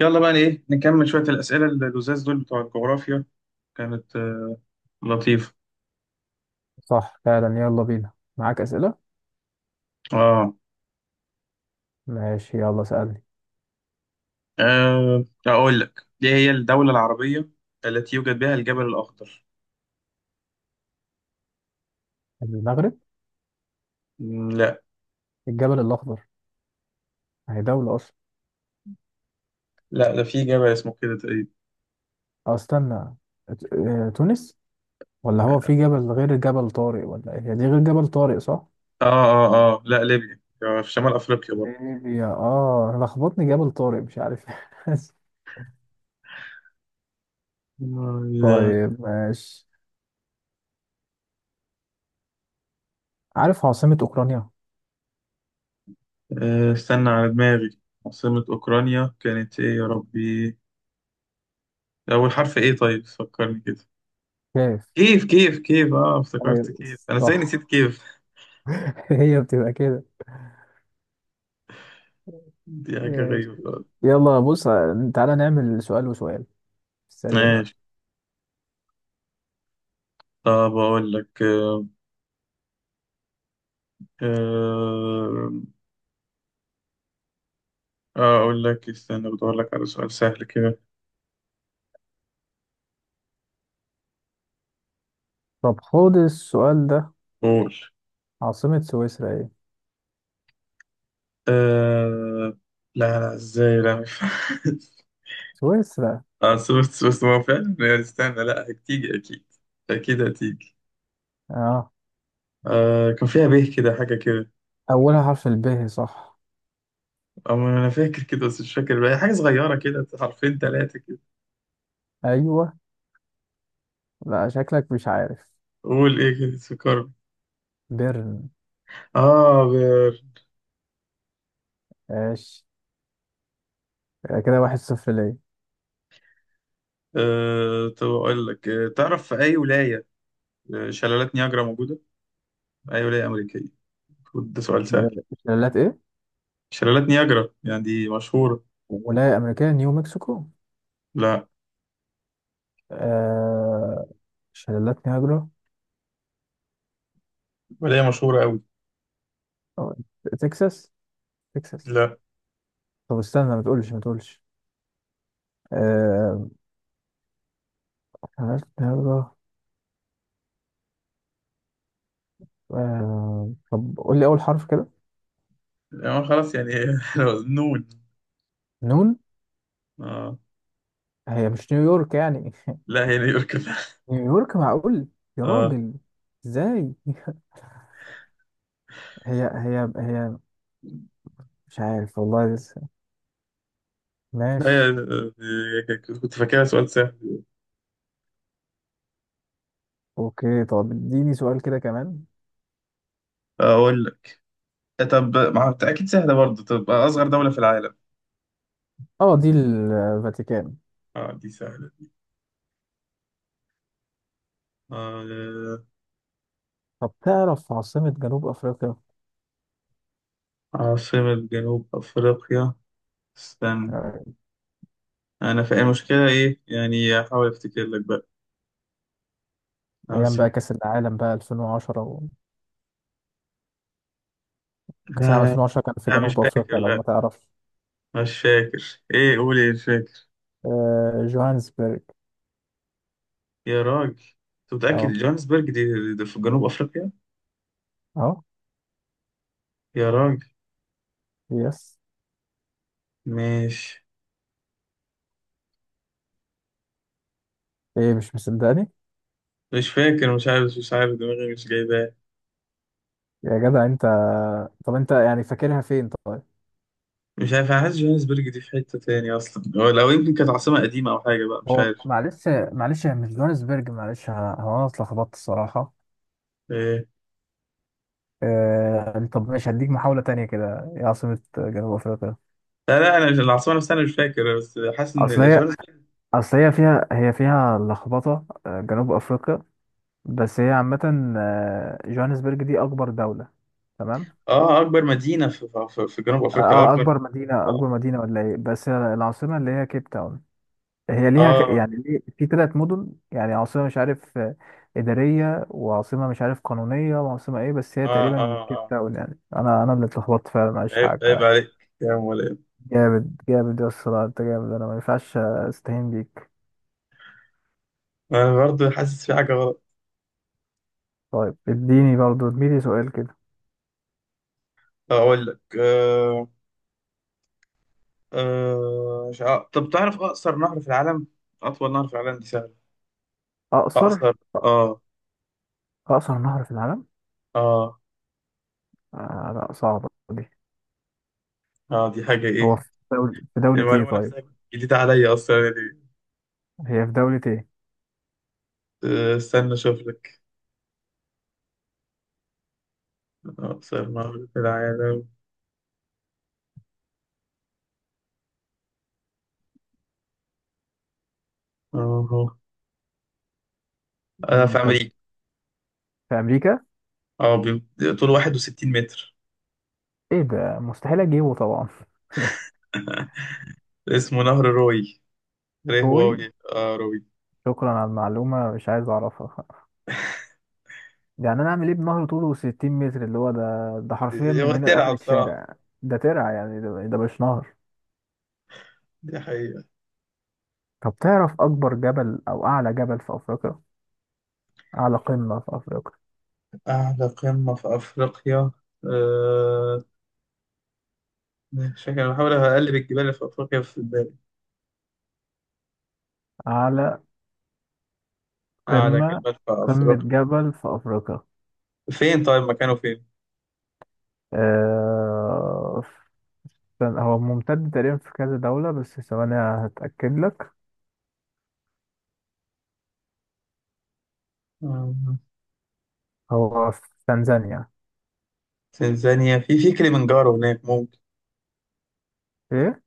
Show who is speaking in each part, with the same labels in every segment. Speaker 1: يلا بقى ايه نكمل شوية الأسئلة اللزاز دول بتوع الجغرافيا كانت لطيفة.
Speaker 2: صح فعلا، يلا بينا. معاك أسئلة؟
Speaker 1: اه.
Speaker 2: ماشي، يلا سألني.
Speaker 1: أقول لك دي هي الدولة العربية التي يوجد بها الجبل الأخضر.
Speaker 2: المغرب.
Speaker 1: لا،
Speaker 2: الجبل الأخضر هي دولة أصلا؟
Speaker 1: لا ده في جبل اسمه كده تقريبا.
Speaker 2: أو استنى. تونس. ولا هو في جبل غير جبل طارق؟ ولا إيه، هي دي غير جبل طارق صح؟
Speaker 1: اه، لا ليبيا، في شمال أفريقيا برضه.
Speaker 2: ليبيا. أنا لخبطني جبل طارق، مش عارف.
Speaker 1: لا.
Speaker 2: طيب ماشي. عارف عاصمة أوكرانيا؟
Speaker 1: استنى على دماغي، عاصمة أوكرانيا كانت ايه يا ربي؟ أول حرف ايه طيب فكرني كده.
Speaker 2: كيف.
Speaker 1: كيف كيف، اه
Speaker 2: ايوه،
Speaker 1: افتكرت كيف، أنا ازاي
Speaker 2: صح.
Speaker 1: نسيت كيف
Speaker 2: هي بتبقى كده.
Speaker 1: دي حاجة
Speaker 2: ماشي،
Speaker 1: غريبة خالص.
Speaker 2: يلا بص، تعالى نعمل سؤال وسؤال في السريع بقى.
Speaker 1: ماشي. طب أقول لك، آه، أقول لك استنى بدور لك على سؤال سهل كده.
Speaker 2: طب خد السؤال ده،
Speaker 1: قول.
Speaker 2: عاصمة سويسرا ايه؟
Speaker 1: أه لا لا، إزاي؟ لا مش
Speaker 2: سويسرا.
Speaker 1: بس ما هو فعلا يعني استنى، لا هتيجي أكيد، أكيد هتيجي.
Speaker 2: اه،
Speaker 1: أه كان فيها به كده حاجة كده.
Speaker 2: اولها حرف الب صح؟
Speaker 1: أما أنا فاكر كده بس مش فاكر بقى حاجة صغيرة كده، حرفين تلاتة كده.
Speaker 2: ايوه. لا، شكلك مش عارف.
Speaker 1: قول إيه كده سكر.
Speaker 2: بيرن.
Speaker 1: آه بير.
Speaker 2: ماشي، كده واحد صفر ليا.
Speaker 1: أه طب أقول لك، تعرف في أي ولاية شلالات نياجرا موجودة؟ أي ولاية أمريكية، ده سؤال سهل.
Speaker 2: شلالات ايه؟
Speaker 1: شلالات نياجرا يعني دي مشهورة.
Speaker 2: ولاية امريكية، نيو مكسيكو.
Speaker 1: لا.
Speaker 2: آه شلالات نياجرا.
Speaker 1: ولا هي مشهورة أوي.
Speaker 2: أو تكساس، تكساس.
Speaker 1: لا.
Speaker 2: طب استنى، ما تقولش ما تقولش. آه شلالات نياجرا. آه، طب قول لي اول حرف كده.
Speaker 1: يعني خلاص يعني نون.
Speaker 2: نون.
Speaker 1: آه.
Speaker 2: هي مش نيويورك يعني؟
Speaker 1: لا هي نيويورك، لا.
Speaker 2: نيويورك؟ معقول؟ يا
Speaker 1: آه.
Speaker 2: راجل، ازاي؟ هي. مش عارف والله لسه.
Speaker 1: لا
Speaker 2: ماشي.
Speaker 1: هي، كنت فاكرها سؤال سهل.
Speaker 2: اوكي، طب اديني سؤال كده كمان.
Speaker 1: أقول لك، طب ما هو أكيد سهلة برضه، طب أصغر دولة في العالم؟
Speaker 2: اه، دي الفاتيكان.
Speaker 1: آه دي سهلة. آه.
Speaker 2: طب تعرف عاصمة جنوب افريقيا؟
Speaker 1: عاصمة جنوب أفريقيا، استنى،
Speaker 2: آه،
Speaker 1: أنا فاهم المشكلة إيه، يعني أحاول أفتكر لك بقى
Speaker 2: ايام
Speaker 1: عاصمة.
Speaker 2: بقى كاس العالم بقى 2010 و كاس
Speaker 1: لا
Speaker 2: العالم
Speaker 1: لا
Speaker 2: 2010 كان في
Speaker 1: لا مش
Speaker 2: جنوب
Speaker 1: فاكر،
Speaker 2: افريقيا لو ما
Speaker 1: لا
Speaker 2: تعرفش.
Speaker 1: مش فاكر، ايه؟ قول ايه، مش فاكر.
Speaker 2: جوهانسبرج.
Speaker 1: يا راجل انت متأكد
Speaker 2: اهو،
Speaker 1: جوهانسبرج دي, دي في جنوب افريقيا؟
Speaker 2: اهو.
Speaker 1: يا راجل،
Speaker 2: يس.
Speaker 1: مش
Speaker 2: ايه، مش مصدقني؟
Speaker 1: مش فاكر، مش عارف، مش عارف، دماغي مش جايباه.
Speaker 2: يا جدع انت. طب انت يعني فاكرها فين طيب؟
Speaker 1: مش عارف، انا حاسس جوهانسبرج دي في حتة تاني اصلا، هو لو يمكن كانت عاصمة قديمة او حاجة بقى مش
Speaker 2: هو
Speaker 1: عارف.
Speaker 2: معلش، معلش، هي مش جوهانسبرج، معلش. هو انا اتلخبطت الصراحه.
Speaker 1: إيه.
Speaker 2: قال لي طب ماشي، هديك محاولة تانية كده، ايه عاصمة جنوب أفريقيا؟
Speaker 1: لا لا انا العاصمة نفسها انا مش فاكر بس حاسس ان
Speaker 2: أصل هي
Speaker 1: جوهانسبرج.
Speaker 2: أصل هي فيها هي فيها لخبطة، جنوب أفريقيا، بس هي عامة، جوهانسبرج دي أكبر دولة. تمام.
Speaker 1: اه اكبر مدينة في جنوب افريقيا اكبر.
Speaker 2: أكبر مدينة،
Speaker 1: اه
Speaker 2: أكبر مدينة ولا إيه، بس العاصمة اللي هي كيب تاون. هي ليها
Speaker 1: اه
Speaker 2: يعني ليه في ثلاث مدن، يعني عاصمة مش عارف، إدارية، وعاصمة مش عارف قانونية، وعاصمة إيه، بس هي
Speaker 1: اه
Speaker 2: تقريبا كيب
Speaker 1: اه
Speaker 2: تاون يعني. أنا اللي اتلخبطت فعلا، معلش،
Speaker 1: عيب
Speaker 2: حقك.
Speaker 1: عليك يا مولاي.
Speaker 2: جامد، جامد يا اسطى. لا، انت جامد، انا ما ينفعش استهين بيك.
Speaker 1: انا برضه حاسس في حاجة غلط.
Speaker 2: طيب اديني برضه، اديني سؤال كده.
Speaker 1: اقول لك، مش عارف. طب تعرف أقصر نهر في العالم؟ أطول نهر في العالم دي سهلة.
Speaker 2: اقصر؟
Speaker 1: أقصر؟ آه.
Speaker 2: اقصر نهر في العالم؟
Speaker 1: آه.
Speaker 2: آه لا، صعبة دي.
Speaker 1: آه دي حاجة إيه؟
Speaker 2: هو في دولة ايه
Speaker 1: المعلومة
Speaker 2: طيب؟
Speaker 1: نفسها جديدة عليا أصلا يعني.
Speaker 2: هي في دولة ايه؟
Speaker 1: استنى أشوف لك أقصر نهر في العالم. أهو. أنا في
Speaker 2: طب،
Speaker 1: أمريكا.
Speaker 2: في امريكا؟
Speaker 1: أه بي- طوله 61 متر،
Speaker 2: ايه ده، مستحيل اجيبه طبعا.
Speaker 1: اسمه نهر روي، ريه واوي،
Speaker 2: روي.
Speaker 1: آه روي.
Speaker 2: شكرا على المعلومة، مش عايز اعرفها. يعني انا اعمل ايه بنهر طوله 60 متر اللي هو ده؟ ده حرفيا
Speaker 1: هو
Speaker 2: من هنا
Speaker 1: ترعة
Speaker 2: لاخر
Speaker 1: بصراحة.
Speaker 2: الشارع. ده ترعة يعني، ده مش نهر.
Speaker 1: دي حقيقة.
Speaker 2: طب تعرف اكبر جبل او اعلى جبل في افريقيا، على قمة في أفريقيا؟
Speaker 1: أعلى قمة في أفريقيا؟ أه، شكل بحاول أقلب الجبال اللي في أفريقيا في بالي.
Speaker 2: على
Speaker 1: اه ده
Speaker 2: قمة،
Speaker 1: جبل في
Speaker 2: قمة
Speaker 1: افريقيا؟
Speaker 2: جبل في أفريقيا.
Speaker 1: فين طيب مكانه فين؟
Speaker 2: آه. هو ممتد تقريبا في كذا دولة، بس ثواني هتأكد لك.
Speaker 1: آه،
Speaker 2: هو في تنزانيا.
Speaker 1: تنزانيا، في كليمنجارو هناك ممكن،
Speaker 2: إيه؟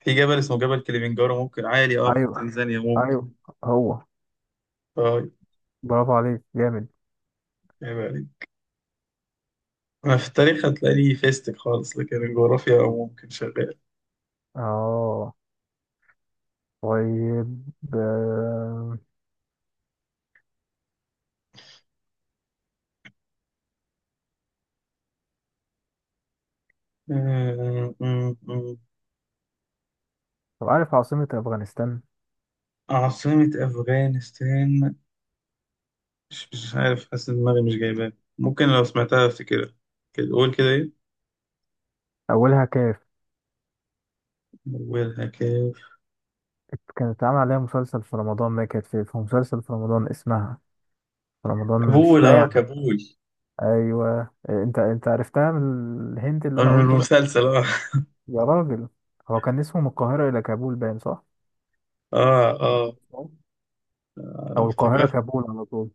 Speaker 1: في جبل اسمه جبل كليمنجارو ممكن عالي، اه في
Speaker 2: أيوه،
Speaker 1: تنزانيا ممكن.
Speaker 2: أيوه، هو.
Speaker 1: طيب.
Speaker 2: برافو عليك، جامد.
Speaker 1: عيب عليك. انا في التاريخ هتلاقيني فيستك خالص، لكن الجغرافيا ممكن شغال.
Speaker 2: اه، طيب. آه،
Speaker 1: آه، م- م-
Speaker 2: طب عارف عاصمة أفغانستان؟
Speaker 1: عاصمة أفغانستان، مش عارف، حاسس إن دماغي مش جايباها، ممكن لو سمعتها أفتكرها. كده قول كده إيه؟
Speaker 2: أولها كاف.
Speaker 1: أولها كاف؟
Speaker 2: كانت اتعمل عليها مسلسل في رمضان، ما كانت في مسلسل في رمضان اسمها في رمضان، مش
Speaker 1: كابول،
Speaker 2: ده
Speaker 1: آه
Speaker 2: يعني؟
Speaker 1: كابول.
Speaker 2: ايوه، انت عرفتها من الهنت اللي انا
Speaker 1: من
Speaker 2: قلته ده.
Speaker 1: المسلسل. آه.
Speaker 2: يا راجل، هو كان اسمه من القاهرة الى كابول، باين صح؟
Speaker 1: آه. آه.
Speaker 2: او القاهرة
Speaker 1: افتكرت،
Speaker 2: كابول على طول.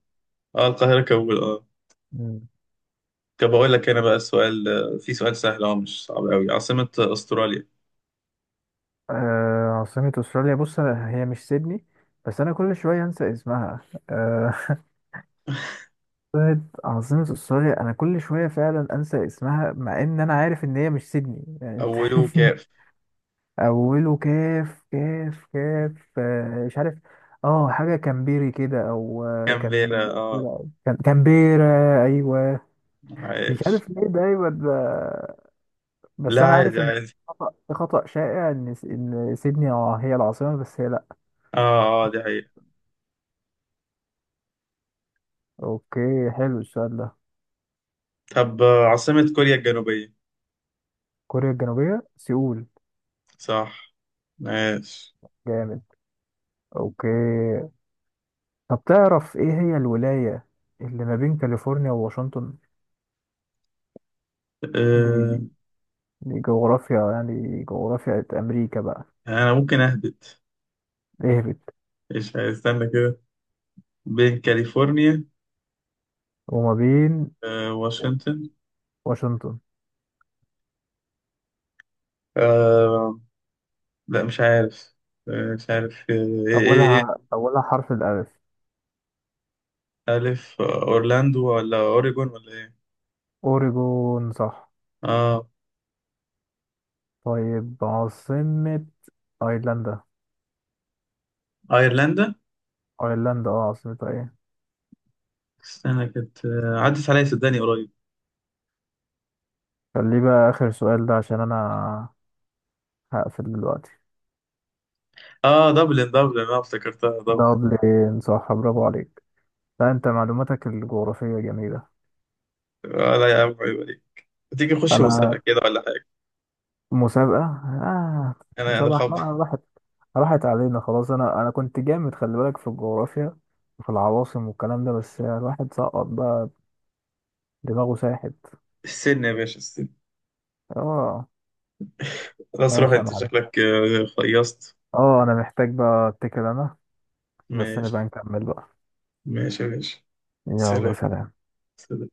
Speaker 1: اه القاهرة كول، اه.
Speaker 2: مم.
Speaker 1: طب بقول لك انا بقى السؤال، في سؤال سهل اه مش صعب قوي، عاصمة استراليا؟
Speaker 2: آه، عاصمة استراليا. هي مش سيدني، بس انا كل شوية انسى اسمها. آه. عاصمة، عاصمة استراليا، انا كل شوية فعلا انسى اسمها، مع ان انا عارف ان هي مش سيدني يعني انت.
Speaker 1: اوله كاف.
Speaker 2: اوله كاف، كاف، كاف، مش عارف. اه حاجه كامبيري كده، او كان،
Speaker 1: كامبيرا، اه.
Speaker 2: كان كامبيرا. ايوه. مش
Speaker 1: عايش.
Speaker 2: عارف ليه ده، ايوه ده.
Speaker 1: لا
Speaker 2: بس انا
Speaker 1: عادي
Speaker 2: عارف ان
Speaker 1: عادي.
Speaker 2: خطأ، خطأ شائع ان ان سيدني اه هي العاصمه، بس هي لا.
Speaker 1: اه. اه دي حقيقة.
Speaker 2: اوكي، حلو السؤال ده.
Speaker 1: طب عاصمة كوريا الجنوبية؟
Speaker 2: كوريا الجنوبيه، سيول.
Speaker 1: صح. ماشي.
Speaker 2: جامد. اوكي، طب تعرف ايه هي الولايه اللي ما بين كاليفورنيا وواشنطن؟ دي،
Speaker 1: آه.
Speaker 2: دي جغرافيا يعني، جغرافيا امريكا بقى.
Speaker 1: انا ممكن اهبط.
Speaker 2: اهبط.
Speaker 1: ايش، استنى كده، بين كاليفورنيا
Speaker 2: وما بين؟
Speaker 1: واشنطن.
Speaker 2: واشنطن.
Speaker 1: آه. لا مش عارف. آه مش عارف. ايه ايه
Speaker 2: أولها
Speaker 1: ايه
Speaker 2: أولها حرف الألف.
Speaker 1: ألف، أورلاندو ولا أوريجون ولا إيه؟
Speaker 2: أوريجون صح.
Speaker 1: آه.
Speaker 2: طيب عاصمة أيرلندا.
Speaker 1: ايرلندا،
Speaker 2: أيرلندا اه، عاصمتها ايه؟
Speaker 1: استنى كانت، عدت عليا صدقني قريب.
Speaker 2: خليه بقى آخر سؤال ده، عشان أنا هقفل دلوقتي.
Speaker 1: اه دبلن، دبلن انا افتكرتها دبلن.
Speaker 2: دبلن صح، برافو عليك. لا أنت معلوماتك الجغرافية جميلة.
Speaker 1: آه لا يا عم عيب عليك. تيجي نخش
Speaker 2: أنا؟
Speaker 1: مسابقة كده ولا حاجة؟
Speaker 2: مسابقة؟ آه.
Speaker 1: أنا
Speaker 2: مسابقة، احنا
Speaker 1: خب،
Speaker 2: راحت، راحت علينا خلاص. أنا كنت جامد، خلي بالك، في الجغرافيا وفي العواصم والكلام ده، بس الواحد سقط بقى، دماغه ساحت.
Speaker 1: السن يا باشا السن.
Speaker 2: اه،
Speaker 1: خلاص روح
Speaker 2: ماشي يا
Speaker 1: أنت
Speaker 2: معلم.
Speaker 1: شكلك خيصت.
Speaker 2: اه، انا محتاج بقى اتكل انا، بس نبقى
Speaker 1: ماشي.
Speaker 2: نكمل بقى.
Speaker 1: ماشي يا باشا.
Speaker 2: يلا
Speaker 1: سلام.
Speaker 2: سلام.
Speaker 1: سلام.